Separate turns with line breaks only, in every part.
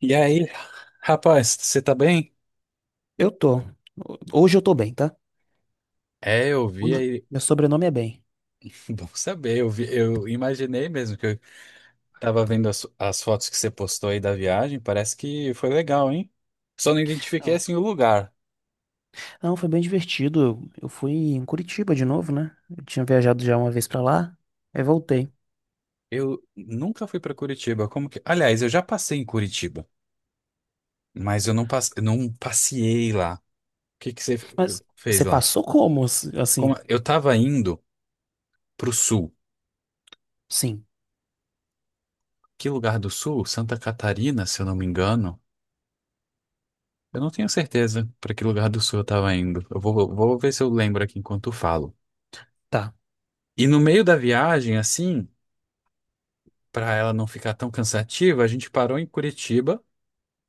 E aí, rapaz, você tá bem?
Eu tô. Hoje eu tô bem, tá?
É, eu vi aí.
Meu sobrenome é bem.
Bom saber, eu vi, eu imaginei mesmo que eu tava vendo as fotos que você postou aí da viagem, parece que foi legal, hein? Só não identifiquei
Não,
assim o lugar.
não, foi bem divertido. Eu fui em Curitiba de novo, né? Eu tinha viajado já uma vez pra lá, aí voltei.
Eu nunca fui pra Curitiba, como que... Aliás, eu já passei em Curitiba, mas eu não, passe... não passeei lá. O que que você fe-
Mas
fez
você
lá?
passou como?
Como...
Assim,
Eu tava indo pro sul.
sim,
Que lugar do sul? Santa Catarina, se eu não me engano. Eu não tenho certeza para que lugar do sul eu estava indo. Eu vou, vou ver se eu lembro aqui enquanto eu falo.
tá.
E no meio da viagem, assim, para ela não ficar tão cansativa, a gente parou em Curitiba,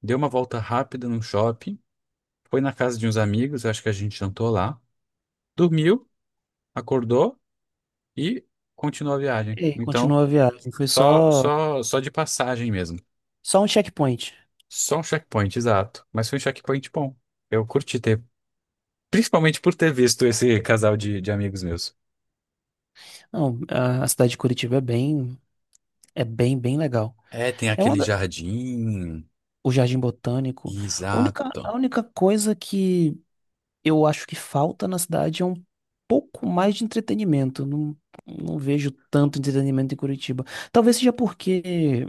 deu uma volta rápida no shopping, foi na casa de uns amigos, acho que a gente jantou lá, dormiu, acordou e continuou a viagem.
E aí,
Então,
continuou a viagem. Foi
só,
só,
só, só de passagem mesmo.
só um checkpoint.
Só um checkpoint, exato. Mas foi um checkpoint bom. Eu curti ter, principalmente por ter visto esse casal de amigos meus.
Não, a cidade de Curitiba bem legal.
É, tem
É uma
aquele
da-
jardim.
o Jardim Botânico. A única,
Exato.
a única coisa que eu acho que falta na cidade é um pouco mais de entretenimento. Não, não vejo tanto entretenimento em Curitiba. Talvez seja porque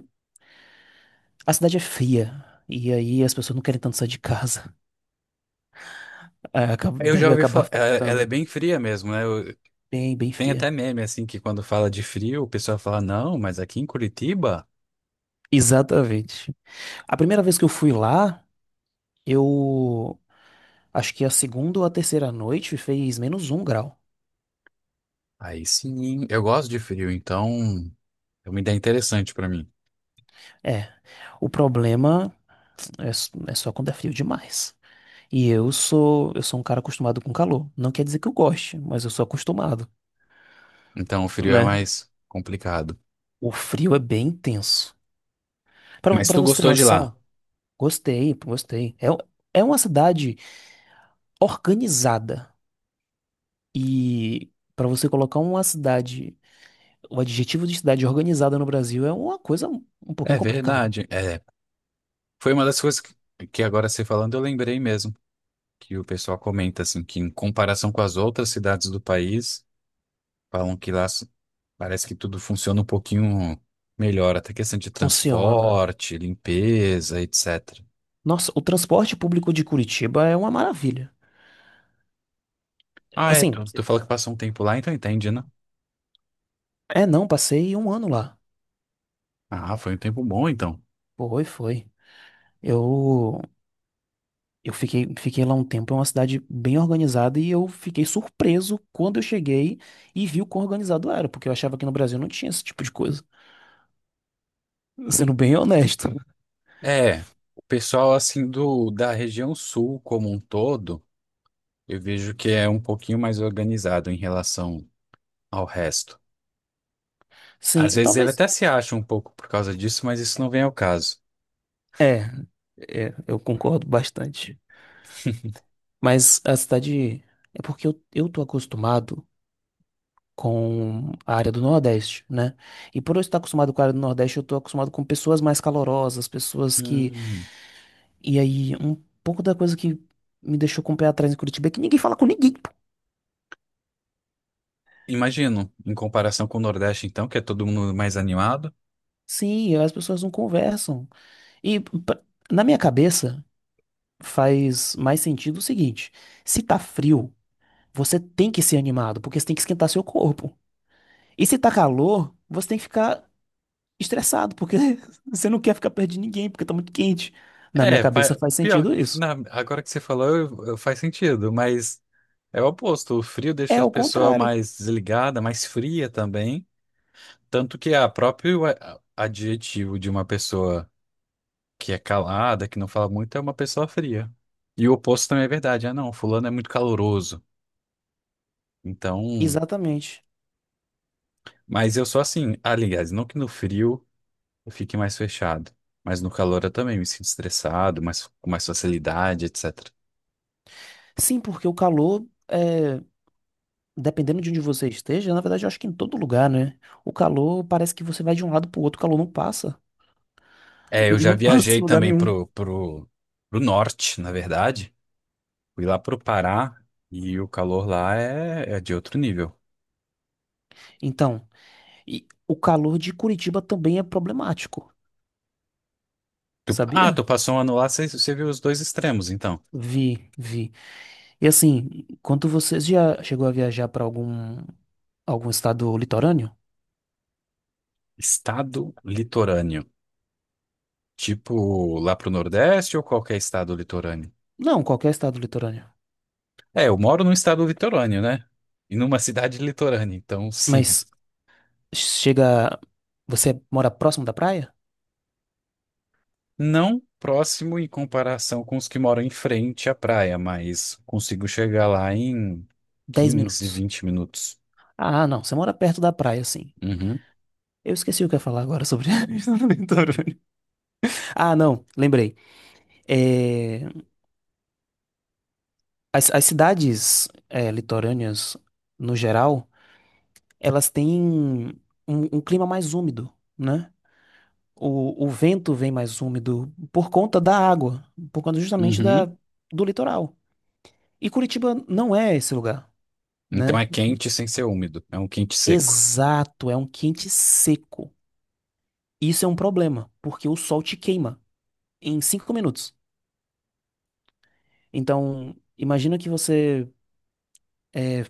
a cidade é fria. E aí as pessoas não querem tanto sair de casa. É,
Eu já
deve
ouvi
acabar
falar. Ela é
afetando.
bem fria mesmo, né?
Bem, bem
Tem
fria.
até meme, assim, que quando fala de frio, o pessoal fala, não, mas aqui em Curitiba,
Exatamente. A primeira vez que eu fui lá, eu acho que a segunda ou a terceira noite fez -1 grau.
aí sim. Eu gosto de frio, então é uma ideia interessante pra mim.
É. O problema é só quando é frio demais. E eu sou um cara acostumado com calor. Não quer dizer que eu goste, mas eu sou acostumado,
Então o frio é
né?
mais complicado.
O frio é bem intenso. Pra
Mas
para
tu
você ter
gostou de
noção,
lá?
gostei, gostei. É, é uma cidade organizada. E pra você colocar uma cidade, o adjetivo de cidade organizada no Brasil é uma coisa um
É
pouquinho complicada.
verdade. É, foi uma das coisas que agora você falando, eu lembrei mesmo. Que o pessoal comenta, assim, que em comparação com as outras cidades do país. Falam que lá parece que tudo funciona um pouquinho melhor, até questão de
Funciona.
transporte, limpeza, etc.
Nossa, o transporte público de Curitiba é uma maravilha.
Ah, é,
Assim,
tu falou que passou um tempo lá, então entende, né?
é não, passei um ano lá.
Ah, foi um tempo bom, então.
Foi, foi. Eu Eu fiquei lá um tempo, é uma cidade bem organizada e eu fiquei surpreso quando eu cheguei e vi o quão organizado era, porque eu achava que no Brasil não tinha esse tipo de coisa, sendo bem honesto.
É, o pessoal, assim, da região sul como um todo, eu vejo que é um pouquinho mais organizado em relação ao resto.
Sim,
Às vezes ele
talvez.
até se acha um pouco por causa disso, mas isso não vem ao caso.
É, é, eu concordo bastante. Mas a cidade. É porque eu tô acostumado com a área do Nordeste, né? E por eu estar acostumado com a área do Nordeste, eu tô acostumado com pessoas mais calorosas, pessoas que.
Hum,
E aí, um pouco da coisa que me deixou com o pé atrás em Curitiba é que ninguém fala com ninguém.
imagino, em comparação com o Nordeste, então, que é todo mundo mais animado.
Sim, as pessoas não conversam. E na minha cabeça faz mais sentido o seguinte: se tá frio, você tem que ser animado, porque você tem que esquentar seu corpo. E se tá calor, você tem que ficar estressado, porque você não quer ficar perto de ninguém, porque tá muito quente. Na minha
É,
cabeça faz sentido isso.
agora que você falou, faz sentido, mas é o oposto. O frio
É
deixa a
o
pessoa
contrário.
mais desligada, mais fria também. Tanto que a próprio adjetivo de uma pessoa que é calada, que não fala muito, é uma pessoa fria. E o oposto também é verdade. Ah, não, fulano é muito caloroso. Então,
Exatamente.
mas eu sou assim, aliás, não que no frio eu fique mais fechado, mas no calor eu também me sinto estressado, mais com mais facilidade, etc.
Sim, porque o calor é, dependendo de onde você esteja, na verdade eu acho que em todo lugar, né? O calor parece que você vai de um lado pro outro, o calor não passa.
É, eu já
Não passa
viajei
em lugar
também
nenhum.
pro norte, na verdade. Fui lá pro Pará e o calor lá é de outro nível.
Então, e o calor de Curitiba também é problemático,
Ah, tu
sabia?
passou um ano lá, você viu os dois extremos, então.
Vi, vi. E assim, quanto vocês já chegou a viajar para algum estado litorâneo?
Estado litorâneo. Tipo, lá pro Nordeste ou qualquer estado litorâneo?
Não, qualquer estado litorâneo.
É, eu moro num estado litorâneo, né? E numa cidade litorânea, então sim.
Mas chega, você mora próximo da praia?
Não próximo em comparação com os que moram em frente à praia, mas consigo chegar lá em
Dez
15,
minutos.
20 minutos.
Ah, não, você mora perto da praia, sim.
Uhum.
Eu esqueci o que eu ia falar agora sobre a estado litorâneo. Ah, não, lembrei. É, as cidades litorâneas, no geral, elas têm um clima mais úmido, né? O vento vem mais úmido por conta da água, por conta justamente
Uhum.
do litoral. E Curitiba não é esse lugar,
Então
né?
é quente sem ser úmido. É um quente seco.
Exato, é um quente seco. Isso é um problema, porque o sol te queima em 5 minutos. Então, imagina que você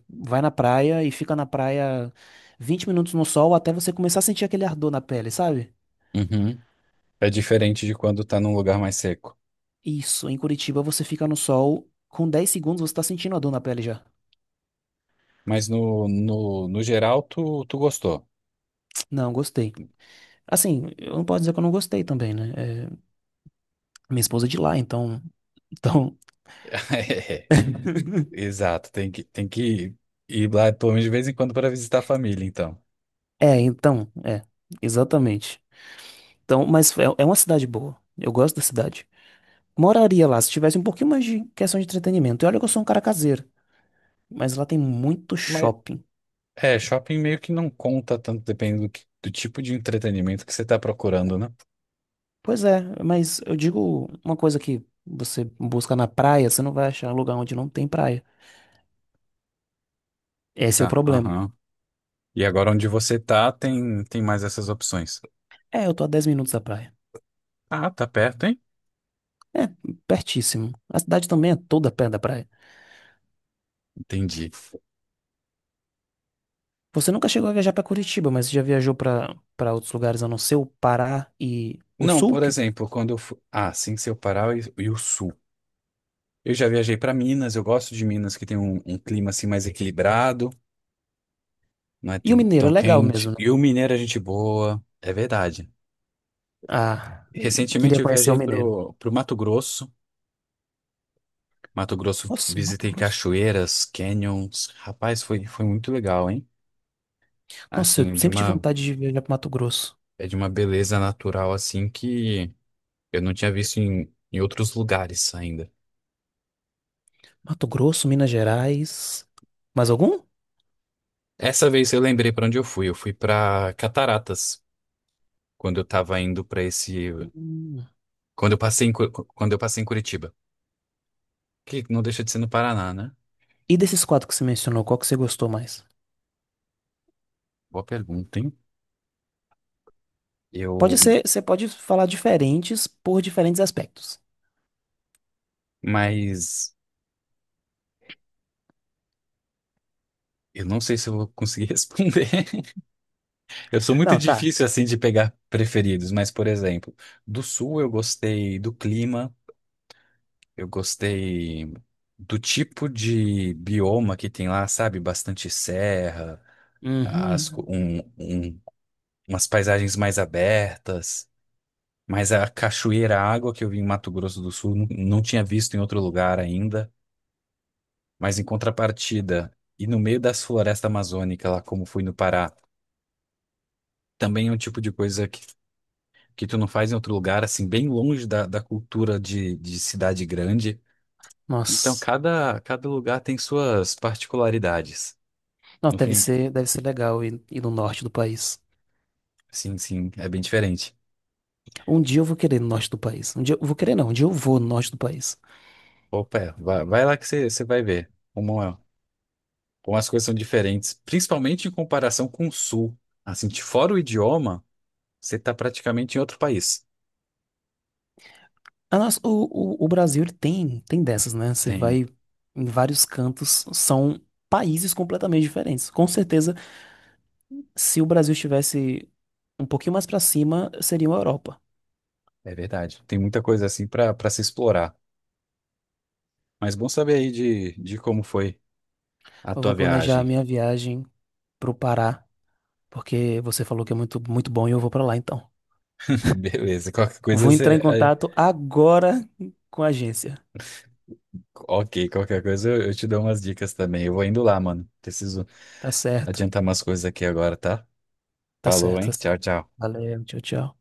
vai na praia e fica na praia 20 minutos no sol até você começar a sentir aquele ardor na pele, sabe?
Uhum. É diferente de quando tá num lugar mais seco.
Isso, em Curitiba você fica no sol, com 10 segundos você tá sentindo a dor na pele já.
Mas no geral, tu gostou.
Não, gostei. Assim, eu não posso dizer que eu não gostei também, né? É, minha esposa é de lá, então. Então.
É, exato. Tem que ir lá pelo menos de vez em quando para visitar a família, então.
É, então. É, exatamente. Então, mas é uma cidade boa. Eu gosto da cidade. Moraria lá se tivesse um pouquinho mais de questão de entretenimento. E olha que eu sou um cara caseiro, mas lá tem muito
Mas
shopping.
é, shopping meio que não conta tanto, dependendo do, do tipo de entretenimento que você tá procurando, né?
Pois é, mas eu digo uma coisa que você busca na praia, você não vai achar lugar onde não tem praia. Esse é o
Exato.
problema.
Aham. E agora onde você tá, tem mais essas opções.
É, eu tô a 10 minutos da praia.
Ah, tá perto, hein?
É pertíssimo. A cidade também é toda perto da praia.
Entendi.
Você nunca chegou a viajar pra Curitiba, mas você já viajou pra para outros lugares a não ser o Pará e o
Não,
Sul?
por exemplo, quando eu fui. Ah, sim, seu Pará e o Sul. Eu já viajei para Minas, eu gosto de Minas que tem um clima assim mais equilibrado, não é
E o Mineiro
tão
é legal mesmo,
quente.
né?
E o mineiro é gente boa, é verdade.
Ah,
Recentemente
queria
eu
conhecer o
viajei
Mineiro.
pro Mato Grosso. Mato Grosso,
Nossa, Mato
visitei
Grosso.
cachoeiras, canyons. Rapaz, foi muito legal, hein?
Nossa, eu
Assim,
sempre tive vontade de viajar pro Mato Grosso.
é de uma beleza natural assim que eu não tinha visto em outros lugares ainda.
Mato Grosso, Minas Gerais. Mais algum?
Essa vez eu lembrei para onde eu fui. Eu fui para Cataratas, quando eu tava indo pra esse.
Hum.
Quando eu passei em, quando eu passei em Curitiba. Que não deixa de ser no Paraná, né?
E desses quatro que você mencionou, qual que você gostou mais?
Boa pergunta, hein?
Pode
Eu.
ser, você pode falar diferentes por diferentes aspectos.
Mas. Eu não sei se eu vou conseguir responder. Eu sou muito
Não, tá.
difícil assim de pegar preferidos, mas, por exemplo, do sul eu gostei do clima, eu gostei do tipo de bioma que tem lá, sabe? Bastante serra, as, co-
Uhum.
um- umas paisagens mais abertas. Mas a cachoeira, água que eu vi em Mato Grosso do Sul, não tinha visto em outro lugar ainda. Mas em contrapartida, e no meio das florestas amazônicas, lá como fui no Pará, também é um tipo de coisa que tu não faz em outro lugar, assim, bem longe da cultura de cidade grande. Então,
Nossa.
cada lugar tem suas particularidades.
Não,
No
deve
fim,
ser, deve ser legal ir no norte do país.
sim, é bem diferente.
Um dia eu vou querer ir no norte do país. Um dia eu vou querer, não. Um dia eu vou no norte do país.
Opa, é, vai lá que você vai ver como, como as coisas são diferentes, principalmente em comparação com o Sul. Assim, de fora o idioma. Você está praticamente em outro país.
A nossa, o Brasil, ele tem dessas, né? Você
Tem,
vai em vários cantos, são países completamente diferentes. Com certeza, se o Brasil estivesse um pouquinho mais pra cima, seria uma Europa.
é verdade. Tem muita coisa assim para se explorar. Mas bom saber aí de como foi a
Eu
tua
vou planejar a
viagem.
minha viagem pro Pará, porque você falou que é muito, muito bom e eu vou pra lá, então.
Beleza, qualquer coisa
Vou entrar em
você. É,
contato agora com a agência.
ok, qualquer coisa eu te dou umas dicas também. Eu vou indo lá, mano. Preciso
Tá certo.
adiantar umas coisas aqui agora, tá?
Tá
Falou,
certo, tá
hein? Tchau,
certo.
tchau.
Valeu, tchau, tchau.